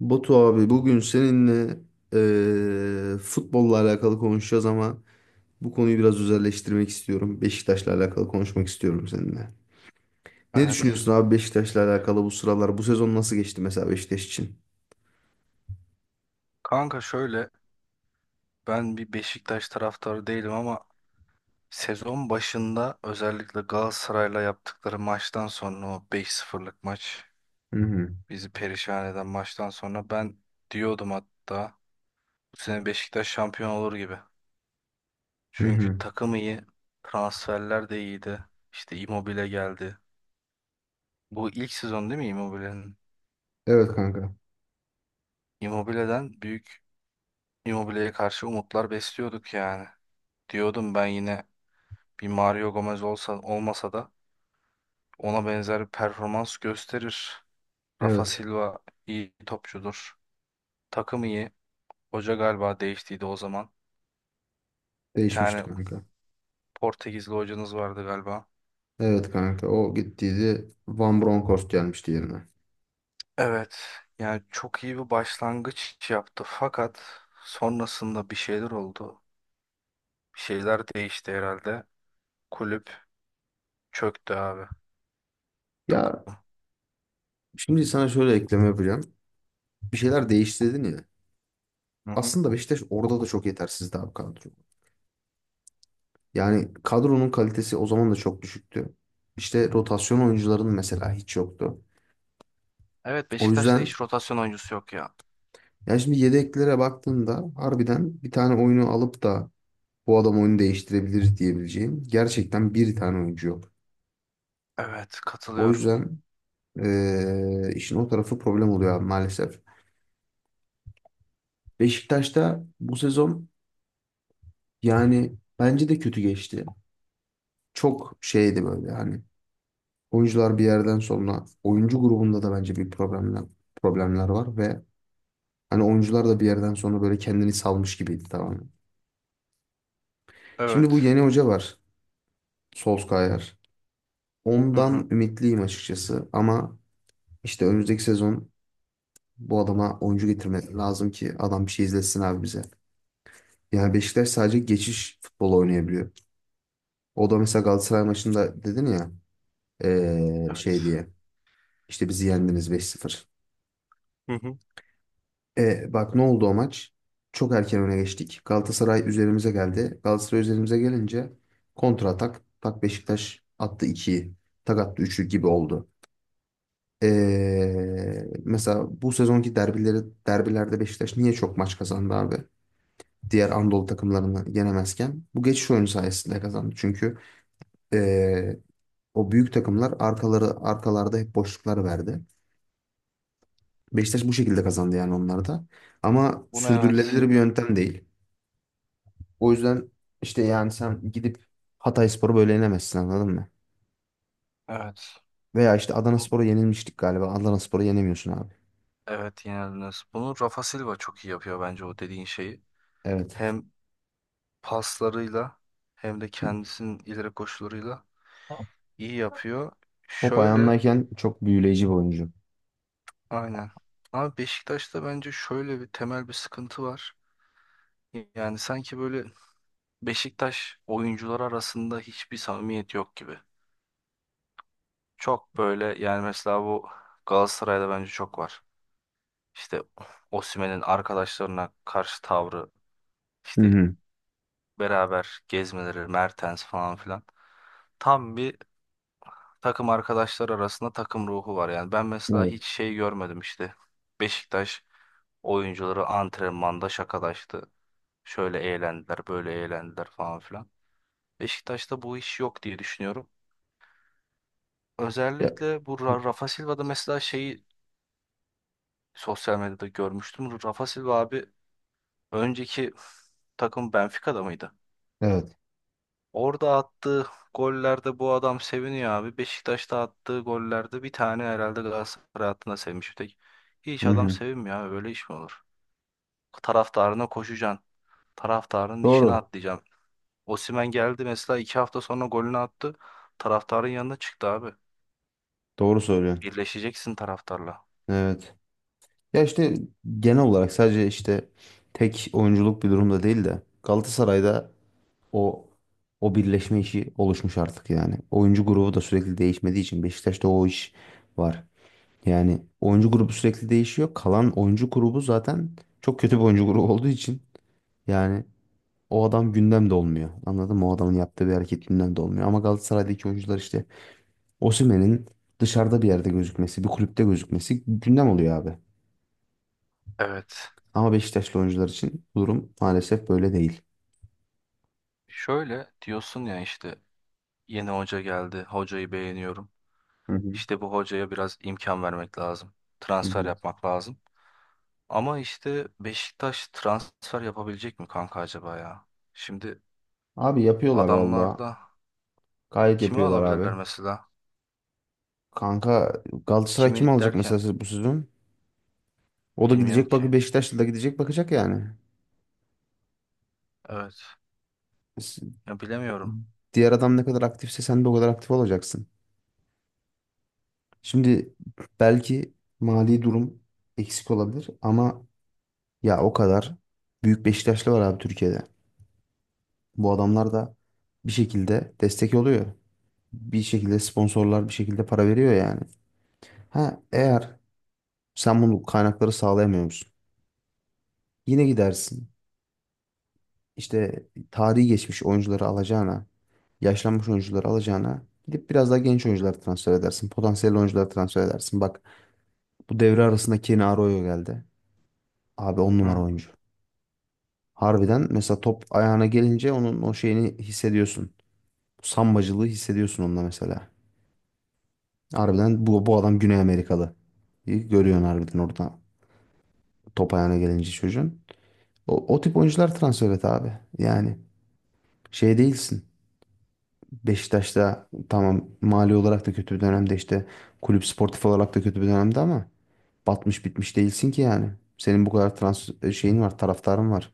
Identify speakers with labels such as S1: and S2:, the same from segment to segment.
S1: Batu abi, bugün seninle futbolla alakalı konuşacağız ama bu konuyu biraz özelleştirmek istiyorum. Beşiktaş'la alakalı konuşmak istiyorum seninle. Ne
S2: Evet.
S1: düşünüyorsun abi Beşiktaş'la alakalı bu sıralar? Bu sezon nasıl geçti mesela Beşiktaş için?
S2: Kanka şöyle, ben bir Beşiktaş taraftarı değilim ama sezon başında özellikle Galatasaray'la yaptıkları maçtan sonra o beş sıfırlık maç,
S1: Hı hı.
S2: bizi perişan eden maçtan sonra ben diyordum hatta, bu sene Beşiktaş şampiyon olur gibi.
S1: Hı
S2: Çünkü
S1: hı.
S2: takım iyi, transferler de iyiydi. İşte Immobile geldi. Bu ilk sezon değil mi Immobile'nin?
S1: Evet kanka.
S2: Immobile'den büyük Immobile'ye karşı umutlar besliyorduk yani. Diyordum ben yine, bir Mario Gomez olsa, olmasa da ona benzer bir performans gösterir. Rafa
S1: Evet.
S2: Silva iyi topçudur. Takım iyi. Hoca galiba değiştiydi o zaman. Bir
S1: Değişmişti
S2: tane
S1: kanka.
S2: Portekizli hocanız vardı galiba.
S1: Evet kanka. O gittiydi. Van Bronckhorst gelmişti yerine.
S2: Evet. Yani çok iyi bir başlangıç yaptı. Fakat sonrasında bir şeyler oldu. Bir şeyler değişti herhalde. Kulüp çöktü abi. Takım.
S1: Ya, şimdi sana şöyle ekleme yapacağım. Bir şeyler değişti dedin ya.
S2: Hı hı.
S1: Aslında Beşiktaş orada da çok yetersizdi abi kadro. Yani kadronun kalitesi o zaman da çok düşüktü. İşte rotasyon oyuncuların mesela hiç yoktu.
S2: Evet,
S1: O
S2: Beşiktaş'ta
S1: yüzden
S2: hiç rotasyon oyuncusu yok ya.
S1: yani şimdi yedeklere baktığında harbiden bir tane oyunu alıp da bu adam oyunu değiştirebilir diyebileceğim gerçekten bir tane oyuncu yok.
S2: Evet,
S1: O
S2: katılıyorum.
S1: yüzden işin o tarafı problem oluyor abi maalesef. Beşiktaş'ta bu sezon yani bence de kötü geçti. Çok şeydi böyle, hani oyuncular bir yerden sonra oyuncu grubunda da bence bir problemler var ve hani oyuncular da bir yerden sonra böyle kendini salmış gibiydi tamamen. Şimdi bu
S2: Evet.
S1: yeni hoca var. Solskjaer.
S2: Hı hı.
S1: Ondan ümitliyim açıkçası ama işte önümüzdeki sezon bu adama oyuncu getirmek lazım ki adam bir şey izletsin abi bize. Yani Beşiktaş sadece geçiş futbolu oynayabiliyor. O da mesela Galatasaray maçında dedin ya, şey
S2: Evet.
S1: diye işte bizi yendiniz beş sıfır.
S2: Hı hı.
S1: E, bak ne oldu o maç? Çok erken öne geçtik. Galatasaray üzerimize geldi. Galatasaray üzerimize gelince kontra atak. Tak, Beşiktaş attı 2'yi. Tak attı 3'ü gibi oldu. E, mesela bu sezonki derbileri, derbilerde Beşiktaş niye çok maç kazandı abi? Diğer Anadolu takımlarını yenemezken. Bu geçiş oyunu sayesinde kazandı. Çünkü e, o büyük takımlar arkaları arkalarda hep boşluklar verdi. Beşiktaş bu şekilde kazandı yani onlar da. Ama
S2: Bunu
S1: sürdürülebilir
S2: evet.
S1: bir yöntem değil. O yüzden işte yani sen gidip Hatayspor'u böyle yenemezsin, anladın mı?
S2: Evet.
S1: Veya işte Adanaspor'a yenilmiştik galiba. Adanaspor'u yenemiyorsun abi.
S2: Evet, yenildiniz. Bunu Rafa Silva çok iyi yapıyor bence, o dediğin şeyi.
S1: Evet.
S2: Hem paslarıyla hem de
S1: Hı.
S2: kendisinin ileri koşularıyla iyi yapıyor.
S1: Top
S2: Şöyle
S1: ayağındayken çok büyüleyici bir oyuncu.
S2: aynen. Ama Beşiktaş'ta bence şöyle bir temel bir sıkıntı var. Yani sanki böyle Beşiktaş oyuncular arasında hiçbir samimiyet yok gibi. Çok böyle yani, mesela bu Galatasaray'da bence çok var. İşte Osimhen'in arkadaşlarına karşı tavrı,
S1: Hı
S2: işte
S1: hı.
S2: beraber gezmeleri, Mertens falan filan. Tam bir takım arkadaşlar arasında takım ruhu var. Yani ben mesela
S1: Evet.
S2: hiç şey görmedim işte. Beşiktaş oyuncuları antrenmanda şakalaştı. Şöyle eğlendiler, böyle eğlendiler falan filan. Beşiktaş'ta bu iş yok diye düşünüyorum.
S1: Ya-
S2: Özellikle bu Rafa Silva'da mesela şeyi sosyal medyada görmüştüm. Rafa Silva abi, önceki takım Benfica'da mıydı?
S1: Evet.
S2: Orada attığı gollerde bu adam seviniyor abi. Beşiktaş'ta attığı gollerde bir tane herhalde Galatasaray hattına sevmiş bir tek. Hiç
S1: Hı
S2: adam
S1: hı.
S2: sevinmiyor abi. Öyle iş mi olur? Taraftarına koşacaksın. Taraftarının içine
S1: Doğru.
S2: atlayacaksın. Osimhen geldi mesela, iki hafta sonra golünü attı. Taraftarın yanına çıktı abi.
S1: Doğru söylüyorsun.
S2: Birleşeceksin taraftarla.
S1: Evet. Ya işte genel olarak sadece işte tek oyunculuk bir durumda değil de Galatasaray'da o, o birleşme işi oluşmuş artık yani. Oyuncu grubu da sürekli değişmediği için Beşiktaş'ta o iş var. Yani oyuncu grubu sürekli değişiyor. Kalan oyuncu grubu zaten çok kötü bir oyuncu grubu olduğu için yani o adam gündemde olmuyor. Anladın mı? O adamın yaptığı bir hareket gündemde olmuyor. Ama Galatasaray'daki oyuncular işte Osimhen'in dışarıda bir yerde gözükmesi, bir kulüpte gözükmesi gündem oluyor abi.
S2: Evet.
S1: Ama Beşiktaşlı oyuncular için bu durum maalesef böyle değil.
S2: Şöyle diyorsun ya işte, yeni hoca geldi. Hocayı beğeniyorum.
S1: Hı hı,
S2: İşte bu hocaya biraz imkan vermek lazım.
S1: hı
S2: Transfer
S1: hı.
S2: yapmak lazım. Ama işte Beşiktaş transfer yapabilecek mi kanka acaba ya? Şimdi
S1: Abi yapıyorlar valla.
S2: adamlarda
S1: Gayet
S2: kimi
S1: yapıyorlar abi.
S2: alabilirler mesela?
S1: Kanka Galatasaray kim
S2: Kimi
S1: alacak mesela
S2: derken
S1: siz- bu sezon? O da
S2: bilmiyorum
S1: gidecek
S2: ki.
S1: bak, Beşiktaşlı da gidecek bakacak yani.
S2: Evet.
S1: S-
S2: Ya bilemiyorum.
S1: Diğer adam ne kadar aktifse sen de o kadar aktif olacaksın. Şimdi belki mali durum eksik olabilir ama ya o kadar büyük Beşiktaşlı var abi Türkiye'de. Bu adamlar da bir şekilde destek oluyor. Bir şekilde sponsorlar, bir şekilde para veriyor yani. Ha, eğer sen bunu kaynakları sağlayamıyor musun? Yine gidersin. İşte tarihi geçmiş oyuncuları alacağına, yaşlanmış oyuncuları alacağına gidip biraz daha genç oyuncular transfer edersin. Potansiyel oyuncular transfer edersin. Bak, bu devre arasında Kenny Arroyo geldi. Abi on
S2: Hı
S1: numara
S2: hı.
S1: oyuncu. Harbiden mesela top ayağına gelince onun o şeyini hissediyorsun. Sambacılığı hissediyorsun onda mesela. Harbiden bu adam Güney Amerikalı. İyi görüyorsun harbiden orada top ayağına gelince çocuğun. O tip oyuncular transfer et abi. Yani şey değilsin. Beşiktaş'ta tamam mali olarak da kötü bir dönemde, işte kulüp sportif olarak da kötü bir dönemde ama batmış bitmiş değilsin ki yani. Senin bu kadar trans e, şeyin var, taraftarın var.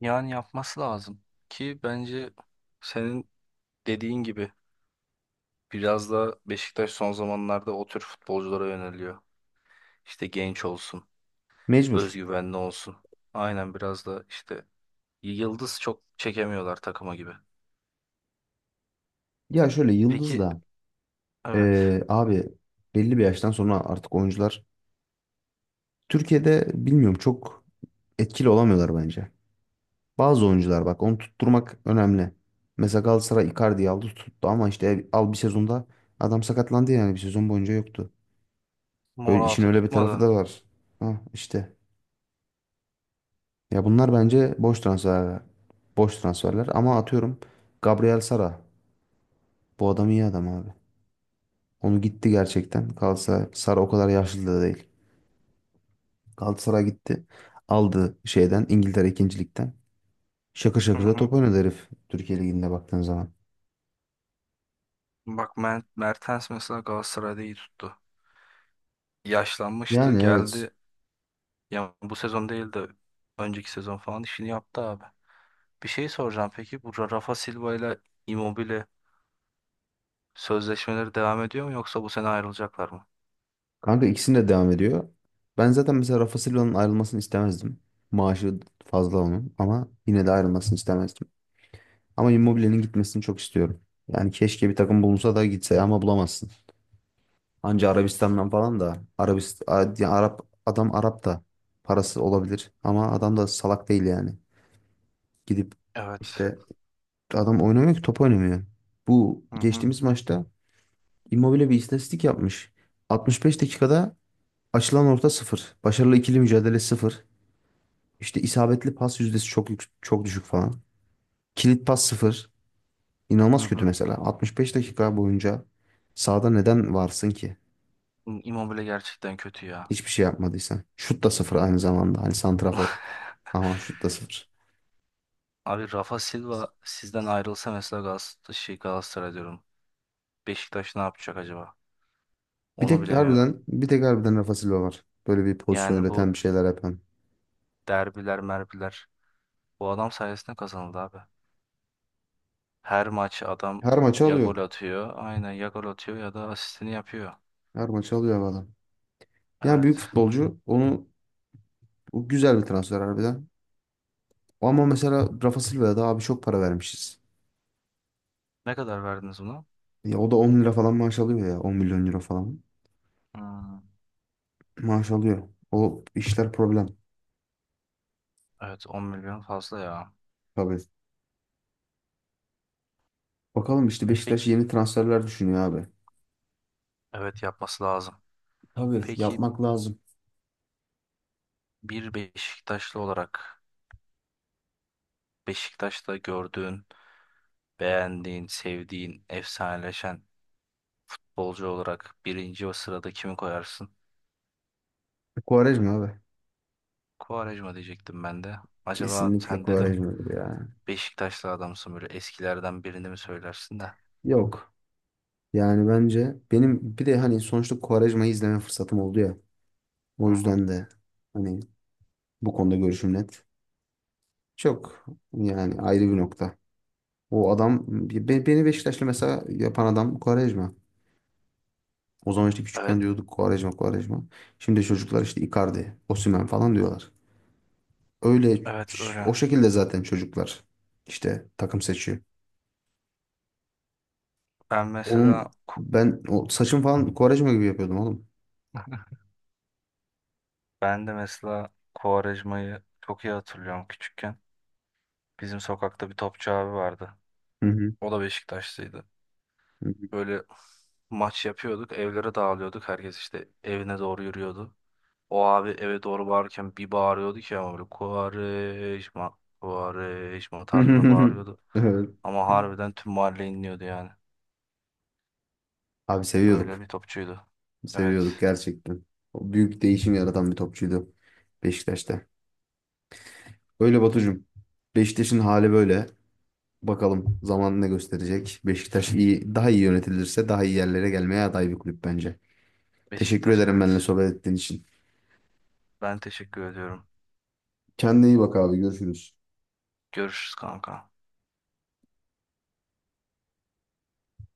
S2: Yani yapması lazım ki, bence senin dediğin gibi biraz da Beşiktaş son zamanlarda o tür futbolculara yöneliyor. İşte genç olsun,
S1: Mecbur.
S2: özgüvenli olsun. Aynen, biraz da işte yıldız çok çekemiyorlar takıma gibi.
S1: Ya şöyle, yıldız
S2: Peki
S1: da
S2: evet,
S1: abi belli bir yaştan sonra artık oyuncular Türkiye'de bilmiyorum çok etkili olamıyorlar bence. Bazı oyuncular bak, onu tutturmak önemli. Mesela Galatasaray Icardi'yi aldı tuttu ama işte al, bir sezonda adam sakatlandı yani bir sezon boyunca yoktu. Öyle, işin
S2: Morata
S1: öyle bir tarafı
S2: tutmadı.
S1: da var. Ha, işte. Ya bunlar bence boş transfer. Boş transferler ama atıyorum Gabriel Sara. Bu adam iyi adam abi. Onu gitti gerçekten. Kalsa, Sara o kadar yaşlı da değil. Galatasaray gitti. Aldı şeyden, İngiltere ikincilikten. Şakır
S2: Hı
S1: şakır da
S2: hı.
S1: top oynadı herif. Türkiye Ligi'nde baktığın zaman.
S2: Bak Mertens mesela Galatasaray'da iyi tuttu. Yaşlanmıştı
S1: Yani evet.
S2: geldi. Ya bu sezon değil de önceki sezon falan işini yaptı abi. Bir şey soracağım peki, bu Rafa Silva ile Immobile sözleşmeleri devam ediyor mu, yoksa bu sene ayrılacaklar mı?
S1: Kanka ikisinde de devam ediyor. Ben zaten mesela Rafa Silva'nın ayrılmasını istemezdim. Maaşı fazla onun ama yine de ayrılmasını istemezdim. Ama Immobile'nin gitmesini çok istiyorum. Yani keşke bir takım bulunsa da gitse ama bulamazsın. Anca Arabistan'dan falan da, Arabist A- ya Arap, adam Arap da parası olabilir ama adam da salak değil yani. Gidip
S2: Evet.
S1: işte adam oynamıyor ki, top oynamıyor. Bu
S2: Hı hı.
S1: geçtiğimiz maçta Immobile bir istatistik yapmış. 65 dakikada açılan orta sıfır. Başarılı ikili mücadele sıfır. İşte isabetli pas yüzdesi çok yük- çok düşük falan. Kilit pas sıfır.
S2: Hı
S1: İnanılmaz kötü
S2: hı.
S1: mesela. 65 dakika boyunca sahada neden varsın ki?
S2: Immobile gerçekten kötü ya.
S1: Hiçbir şey yapmadıysan. Şut da sıfır aynı zamanda. Hani santrafor. Ama şut da sıfır.
S2: Abi, Rafa Silva sizden ayrılsa mesela Galatasaray, şey Galatasaray diyorum, Beşiktaş ne yapacak acaba?
S1: Bir
S2: Onu
S1: tek
S2: bilemiyorum.
S1: harbiden, bir tek harbiden Rafa Silva var. Böyle bir pozisyon
S2: Yani
S1: üreten,
S2: bu
S1: bir şeyler yapan.
S2: derbiler, merbiler bu adam sayesinde kazanıldı abi. Her maç adam
S1: Her maçı
S2: ya
S1: alıyor.
S2: gol atıyor, aynen, ya gol atıyor ya da asistini yapıyor.
S1: Her maçı alıyor bu adam. Yani
S2: Evet.
S1: büyük futbolcu. Onu, o güzel bir transfer harbiden. Ama mesela Rafa Silva'ya da abi çok para vermişiz.
S2: Ne kadar verdiniz buna?
S1: Ya o da 10 lira falan maaş alıyor ya. 10 milyon euro falan
S2: Hmm.
S1: maaş alıyor. O işler problem.
S2: Evet, 10 milyon fazla ya.
S1: Tabii. Bakalım işte Beşiktaş
S2: Peki
S1: yeni transferler düşünüyor abi.
S2: evet, yapması lazım.
S1: Tabii
S2: Peki,
S1: yapmak lazım.
S2: bir Beşiktaşlı olarak Beşiktaş'ta gördüğün, beğendiğin, sevdiğin, efsaneleşen bolcu olarak birinci o sırada kimi koyarsın?
S1: Quaresma abi.
S2: Quaresma diyecektim ben de. Acaba
S1: Kesinlikle
S2: sen, dedim,
S1: Quaresma abi ya.
S2: Beşiktaşlı adamsın, böyle eskilerden birini mi söylersin de?
S1: Yok. Yani bence benim bir de hani sonuçta Quaresma'yı izleme fırsatım oldu ya. O
S2: Hı hı.
S1: yüzden de hani bu konuda görüşüm net. Çok, yani ayrı bir nokta. O adam beni Beşiktaşlı mesela yapan adam Quaresma. O zaman işte
S2: Evet,
S1: küçükken diyorduk Quaresma, Quaresma. Şimdi çocuklar işte Icardi, Osimhen falan diyorlar. Öyle,
S2: evet öyle.
S1: o şekilde zaten çocuklar işte takım seçiyor.
S2: Ben
S1: Onun,
S2: mesela
S1: ben o saçım falan Kovarejma gibi yapıyordum oğlum.
S2: ben de mesela Quaresma'yı çok iyi hatırlıyorum küçükken. Bizim sokakta bir topçu abi vardı.
S1: Hı hı.
S2: O da Beşiktaşlıydı. Böyle maç yapıyorduk, evlere dağılıyorduk. Herkes işte evine doğru yürüyordu. O abi eve doğru bağırırken bir bağırıyordu ki, ama böyle Kuvareşma, Kuvareşma
S1: Hı
S2: tarzında
S1: hı.
S2: bağırıyordu.
S1: Evet.
S2: Ama harbiden tüm mahalle inliyordu yani.
S1: Abi
S2: Öyle
S1: seviyorduk.
S2: bir topçuydu. Evet.
S1: Seviyorduk gerçekten. O büyük değişim yaratan bir topçuydu Beşiktaş'ta. Öyle Batucuğum. Beşiktaş'ın hali böyle. Bakalım zaman ne gösterecek. Beşiktaş iyi, daha iyi yönetilirse daha iyi yerlere gelmeye aday bir kulüp bence. Teşekkür
S2: Beşiktaş
S1: ederim
S2: evet.
S1: benimle sohbet ettiğin için.
S2: Ben teşekkür ediyorum.
S1: Kendine iyi bak abi. Görüşürüz.
S2: Görüşürüz kanka.